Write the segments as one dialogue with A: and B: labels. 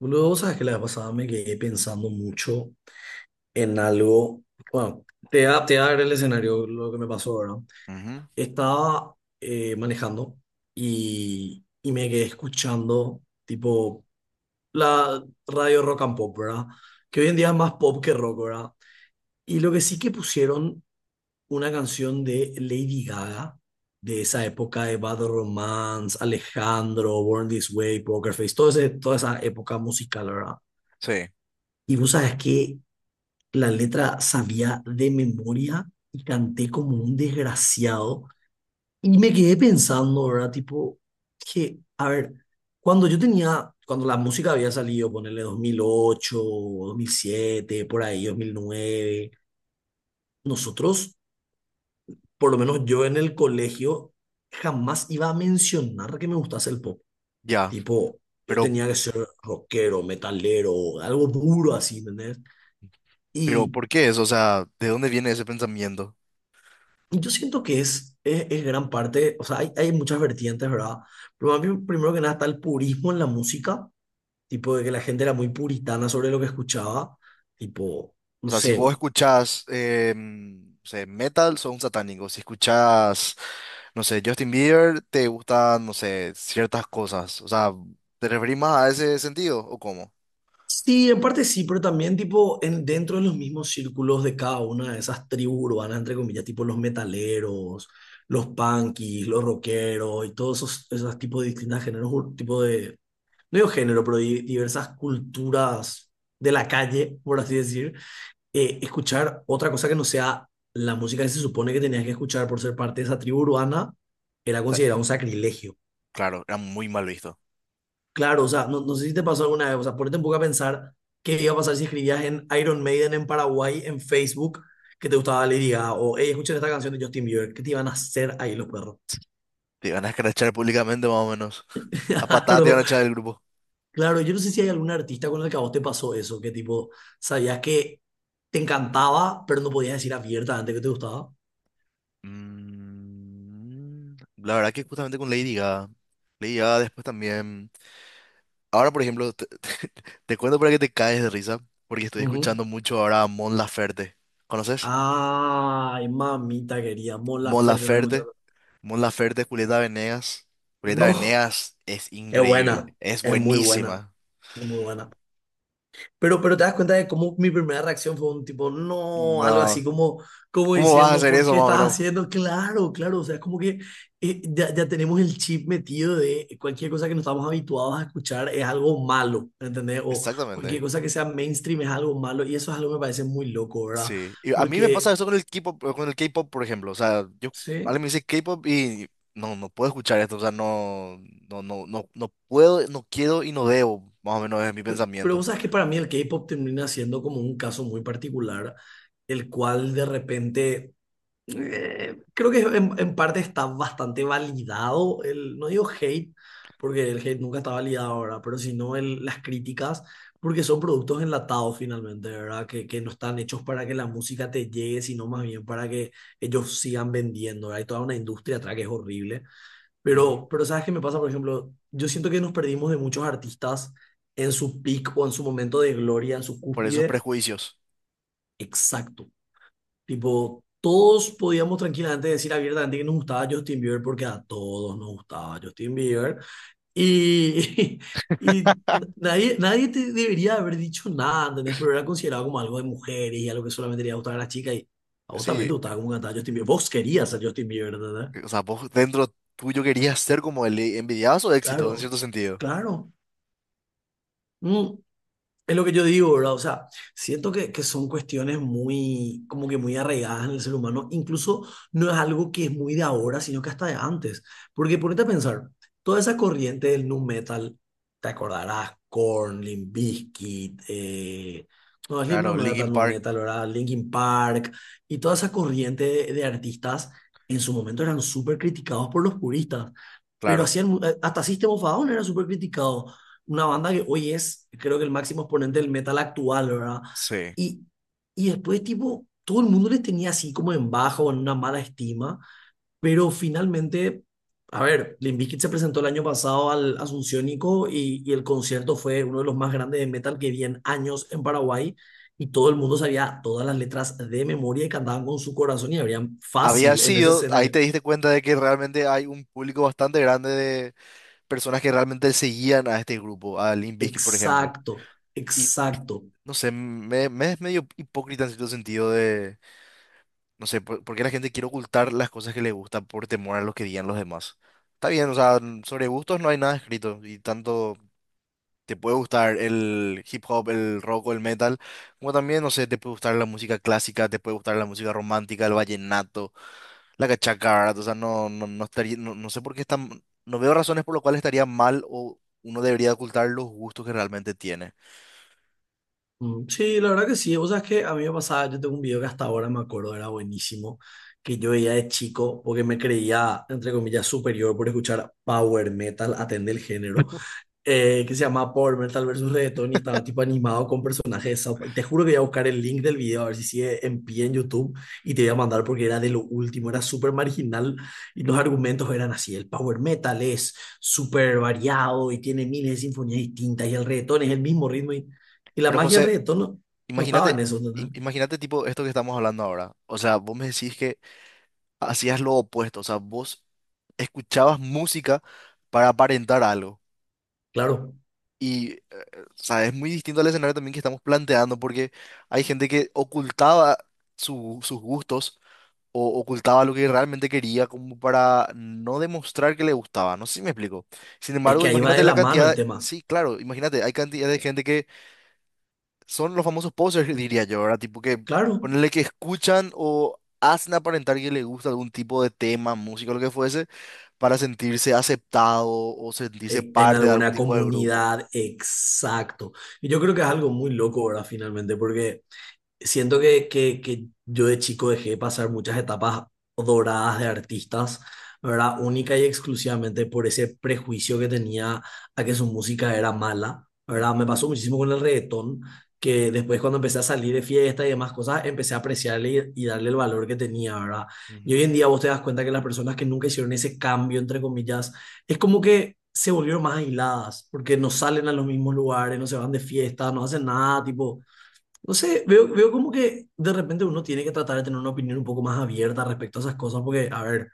A: Luego, sabes que la vez pasada me quedé pensando mucho en algo. Bueno, te voy a dar el escenario, lo que me pasó, ¿verdad?
B: Ujú.
A: Estaba manejando y me quedé escuchando, tipo, la radio rock and pop, ¿verdad? Que hoy en día es más pop que rock, ¿verdad? Y lo que sí que pusieron una canción de Lady Gaga, de esa época de Bad Romance, Alejandro, Born This Way, Poker Face, toda esa época musical, ¿verdad?
B: Sí,
A: Y vos sabes que la letra sabía de memoria y canté como un desgraciado. Y me quedé pensando, ¿verdad? Tipo, que, a ver, cuando la música había salido, ponerle 2008, 2007, por ahí, 2009, nosotros, por lo menos yo en el colegio, jamás iba a mencionar que me gustase el pop.
B: ya,
A: Tipo, yo
B: pero,
A: tenía que ser rockero, metalero, algo duro así, ¿entendés?
B: pero
A: Y
B: ¿por qué eso? O sea, ¿de dónde viene ese pensamiento?
A: yo siento que es gran parte, o sea, hay muchas vertientes, ¿verdad? Pero a mí, primero que nada está el purismo en la música, tipo de que la gente era muy puritana sobre lo que escuchaba, tipo,
B: O
A: no
B: sea, si
A: sé.
B: vos escuchás, no sé, metal, sos un satánico. Si escuchás, no sé, Justin Bieber, te gustan, no sé, ciertas cosas. O sea, ¿te referís más a ese sentido o cómo?
A: Sí, en parte sí, pero también tipo dentro de los mismos círculos de cada una de esas tribus urbanas, entre comillas, tipo los metaleros, los punkis, los rockeros y todos esos tipos de distintos géneros, tipo de, no digo género, pero diversas culturas de la calle, por así decir, escuchar otra cosa que no sea la música que se supone que tenías que escuchar por ser parte de esa tribu urbana, era
B: Está-
A: considerado un sacrilegio.
B: Claro, era muy mal visto.
A: Claro, o sea, no, no sé si te pasó alguna vez, o sea, ponete un poco a pensar qué iba a pasar si escribías en Iron Maiden en Paraguay, en Facebook, que te gustaba Lady Gaga, o hey, escuchen esta canción de Justin Bieber, ¿qué te iban a hacer ahí los perros?
B: Te iban a escrachar públicamente más o menos. A patadas te iban
A: Claro,
B: a echar del grupo.
A: claro, yo no sé si hay algún artista con el que a vos te pasó eso, que tipo, sabías que te encantaba, pero no podías decir abiertamente que te gustaba.
B: Mm, la verdad que justamente con Lady Gaga. Lady Gaga después también. Ahora, por ejemplo, te, te cuento para que te caes de risa, porque estoy
A: Ujú.
B: escuchando mucho ahora a Mon Laferte. ¿Conoces?
A: Ay, mamita querida, Mon
B: Mon
A: Laferte está
B: Laferte,
A: escuchando.
B: Mon Laferte, Julieta Venegas. Julieta
A: No,
B: Venegas es
A: es
B: increíble,
A: buena,
B: es
A: es muy buena,
B: buenísima.
A: es muy buena. Pero te das cuenta de cómo mi primera reacción fue un tipo, no, algo así
B: No,
A: como
B: ¿cómo vas a
A: diciendo,
B: hacer
A: ¿por
B: eso
A: qué
B: más o
A: estás
B: menos?
A: haciendo? Claro, claro, o sea, es como que ya tenemos el chip metido de cualquier cosa que no estamos habituados a escuchar es algo malo, ¿entendés? O cualquier
B: Exactamente.
A: cosa que sea mainstream es algo malo y eso es algo que me parece muy loco, ¿verdad?
B: Sí, y a mí me pasa
A: Porque,
B: eso con el K-pop, por ejemplo, o sea, yo alguien
A: sí.
B: me dice K-pop y no, no puedo escuchar esto, o sea, no, no, no, no puedo, no quiero y no debo, más o menos es mi
A: Pero
B: pensamiento.
A: vos sabes que para mí el K-pop termina siendo como un caso muy particular, el cual de repente, creo que en parte está bastante validado, no digo hate, porque el hate nunca está validado ahora, pero sino las críticas, porque son productos enlatados finalmente, ¿verdad? Que no están hechos para que la música te llegue, sino más bien para que ellos sigan vendiendo, ¿verdad? Hay toda una industria atrás que es horrible.
B: Ujú.
A: Pero ¿sabes qué me pasa? Por ejemplo, yo siento que nos perdimos de muchos artistas en su peak o en su momento de gloria, en su
B: Por esos
A: cúspide.
B: prejuicios.
A: Exacto. Tipo, todos podíamos tranquilamente decir abiertamente que nos gustaba Justin Bieber porque a todos nos gustaba Justin Bieber. Y, y nadie te debería haber dicho nada, ¿entendés? Pero era considerado como algo de mujeres y algo que solamente le iba a gustar a las chicas. Y a vos también te
B: Sí,
A: gustaba como cantaba Justin Bieber. Vos querías ser Justin Bieber, ¿entendés?
B: o sea, vos dentro tuyo querías ser como el envidiazo de éxito, en
A: Claro,
B: cierto sentido.
A: claro. Mm. Es lo que yo digo, ¿verdad? O sea, siento que son cuestiones muy, como que muy arraigadas en el ser humano. Incluso no es algo que es muy de ahora, sino que hasta de antes. Porque ponete a pensar, toda esa corriente del nu metal, te acordarás, Korn, Limp Bizkit, no,
B: Claro,
A: Slipknot no era
B: Linkin
A: tan nu
B: Park,
A: metal, ¿verdad? Linkin Park, y toda esa corriente de artistas en su momento eran súper criticados por los puristas. Pero
B: claro.
A: hacían, hasta System of a Down era súper criticado, una banda que hoy es, creo que el máximo exponente del metal actual, ¿verdad?
B: Sí.
A: Y, y después, tipo, todo el mundo les tenía así como en bajo, en una mala estima, pero finalmente, a ver, Limp Bizkit se presentó el año pasado al Asunciónico y el concierto fue uno de los más grandes de metal que vi en años en Paraguay. Y todo el mundo sabía todas las letras de memoria y cantaban con su corazón y habrían
B: Había
A: fácil en ese
B: sido, ahí
A: escenario.
B: te diste cuenta de que realmente hay un público bastante grande de personas que realmente seguían a este grupo, a Limp Bizkit, por ejemplo.
A: Exacto,
B: Y
A: exacto.
B: no sé, me es medio hipócrita en cierto sentido de, no sé, por qué la gente quiere ocultar las cosas que le gustan por temor a lo que digan los demás. Está bien, o sea, sobre gustos no hay nada escrito y tanto. Te puede gustar el hip hop, el rock o el metal, como también, no sé, te puede gustar la música clásica, te puede gustar la música romántica, el vallenato, la cachacara, o sea, no, no, no estaría, no, no sé por qué están, no veo razones por las cuales estaría mal o uno debería ocultar los gustos que realmente tiene.
A: Mm, sí, la verdad que sí. Vos sabés que a mí me pasaba, yo tengo un video que hasta ahora me acuerdo era buenísimo, que yo veía de chico porque me creía, entre comillas, superior por escuchar power metal, atender el género, que se llama Power Metal versus Reggaeton y estaba tipo animado con personajes de South Park. Te juro que voy a buscar el link del video a ver si sigue en pie en YouTube y te voy a mandar porque era de lo último, era súper marginal y los argumentos eran así, el Power Metal es súper variado y tiene miles de sinfonías distintas y el reggaetón es el mismo ritmo y la
B: Pero
A: magia del
B: José,
A: reggaetón no, no estaba en
B: imagínate,
A: eso, ¿no?
B: im- imagínate tipo esto que estamos hablando ahora, o sea, vos me decís que hacías lo opuesto, o sea, vos escuchabas música para aparentar algo.
A: Claro,
B: Y, o sea, es muy distinto al escenario también que estamos planteando, porque hay gente que ocultaba su- sus gustos o ocultaba lo que realmente quería como para no demostrar que le gustaba. No sé si me explico. Sin
A: es
B: embargo,
A: que ahí va de
B: imagínate la
A: la mano el
B: cantidad,
A: tema,
B: sí, claro, imagínate, hay cantidad de gente que son los famosos posers, diría yo, ¿verdad? Tipo que
A: claro.
B: ponerle que escuchan o hacen aparentar que le gusta algún tipo de tema, música, lo que fuese, para sentirse aceptado o sentirse
A: En
B: parte de algún
A: alguna
B: tipo de grupo.
A: comunidad, exacto. Y yo creo que es algo muy loco, ¿verdad? Finalmente, porque siento que yo de chico dejé pasar muchas etapas doradas de artistas, ¿verdad? Única y exclusivamente por ese prejuicio que tenía a que su música era mala, ¿verdad? Me
B: Ujú,
A: pasó muchísimo con el reggaetón, que después cuando empecé a salir de fiesta y demás cosas, empecé a apreciarle y darle el valor que tenía, ¿verdad? Y hoy
B: ujú.
A: en día vos te das cuenta que las personas que nunca hicieron ese cambio, entre comillas, es como que se volvieron más aisladas, porque no salen a los mismos lugares, no se van de fiesta, no hacen nada, tipo no sé, veo como que de repente uno tiene que tratar de tener una opinión un poco más abierta respecto a esas cosas, porque, a ver,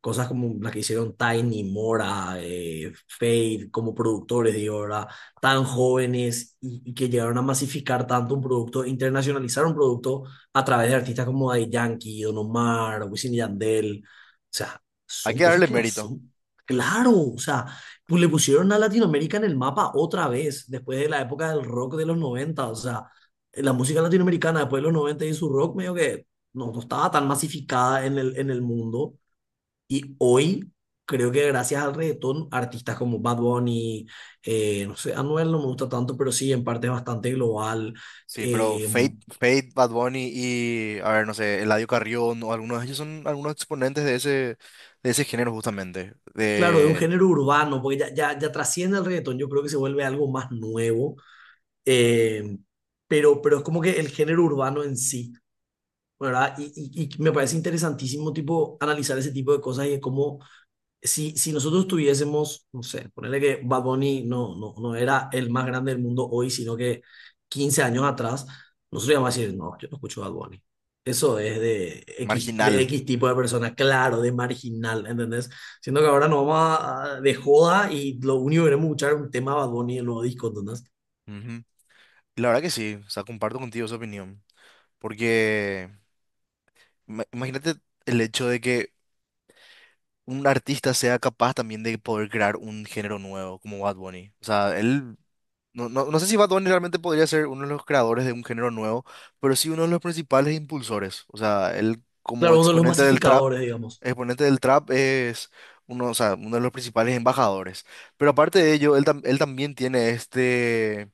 A: cosas como las que hicieron Tiny, Mora, Fade, como productores, digo, ¿verdad? Tan jóvenes y que llegaron a masificar tanto un producto, internacionalizar un producto a través de artistas como Daddy Yankee, Don Omar, Wisin y Yandel. O sea,
B: Hay
A: son
B: que
A: cosas
B: darle
A: que no
B: mérito.
A: son. Claro, o sea, pues le pusieron a Latinoamérica en el mapa otra vez, después de la época del rock de los 90, o sea, la música latinoamericana después de los 90 y su rock medio que no, no estaba tan masificada en el mundo y hoy creo que gracias al reggaetón, artistas como Bad Bunny, no sé, Anuel no me gusta tanto, pero sí, en parte es bastante global.
B: Sí, pero
A: eh,
B: Fate, Fate, Bad Bunny y, a ver, no sé, Eladio Carrión o algunos de ellos son algunos exponentes de ese género justamente,
A: claro, de un
B: de
A: género urbano, porque ya trasciende el reggaetón, yo creo que se vuelve algo más nuevo. eh, pero es como que el género urbano en sí, ¿verdad? Y me parece interesantísimo, tipo, analizar ese tipo de cosas y de cómo si, si nosotros tuviésemos, no sé, ponerle que Bad Bunny no, no, no era el más grande del mundo hoy, sino que 15 años atrás, nosotros íbamos a decir, no, yo no escucho Bad Bunny. Eso es de
B: marginal.
A: X tipo de persona, claro, de marginal, ¿entendés? Siendo que ahora nos vamos de joda y lo único que queremos escuchar es un tema de Bad Bunny en el nuevo disco, ¿entendés?
B: Ujú. Y la verdad que sí, o sea, comparto contigo esa opinión. Porque ima- imagínate el hecho de que un artista sea capaz también de poder crear un género nuevo como Bad Bunny. O sea, él No, no, no sé si Bad Bunny realmente podría ser uno de los creadores de un género nuevo, pero sí uno de los principales impulsores. O sea, él como
A: Claro, uno de los masificadores, digamos.
B: exponente del trap es uno, o sea, uno de los principales embajadores. Pero aparte de ello, él, tam- él también tiene este,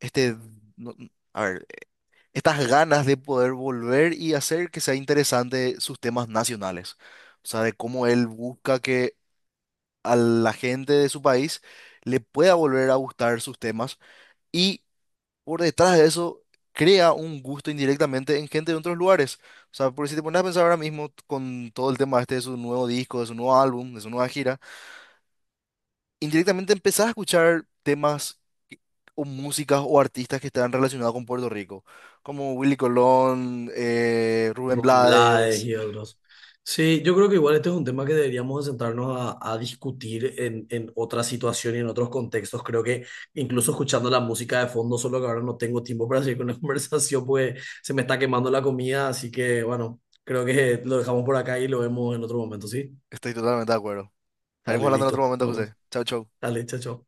B: este, no- a ver, estas ganas de poder volver y hacer que sea interesante sus temas nacionales. O sea, de cómo él busca que a la gente de su país le pueda volver a gustar sus temas. Y por detrás de eso crea un gusto indirectamente en gente de otros lugares. O sea, porque si te pones a pensar ahora mismo t- con todo el tema este de su nuevo disco, de su nuevo álbum, de su nueva gira, indirectamente empezás a escuchar temas que- o músicas o artistas que están relacionados con Puerto Rico, como Willy Colón, Rubén
A: Rubén Blades
B: Blades.
A: y otros. Sí, yo creo que igual este es un tema que deberíamos de sentarnos a discutir en otra situación y en otros contextos. Creo que incluso escuchando la música de fondo, solo que ahora no tengo tiempo para seguir con la conversación, pues se me está quemando la comida, así que bueno, creo que lo dejamos por acá y lo vemos en otro momento, ¿sí?
B: Estoy totalmente de acuerdo. Estaremos
A: Dale,
B: hablando en otro
A: listo,
B: momento,
A: vamos.
B: José. Chau, chau.
A: Dale, chao, chao.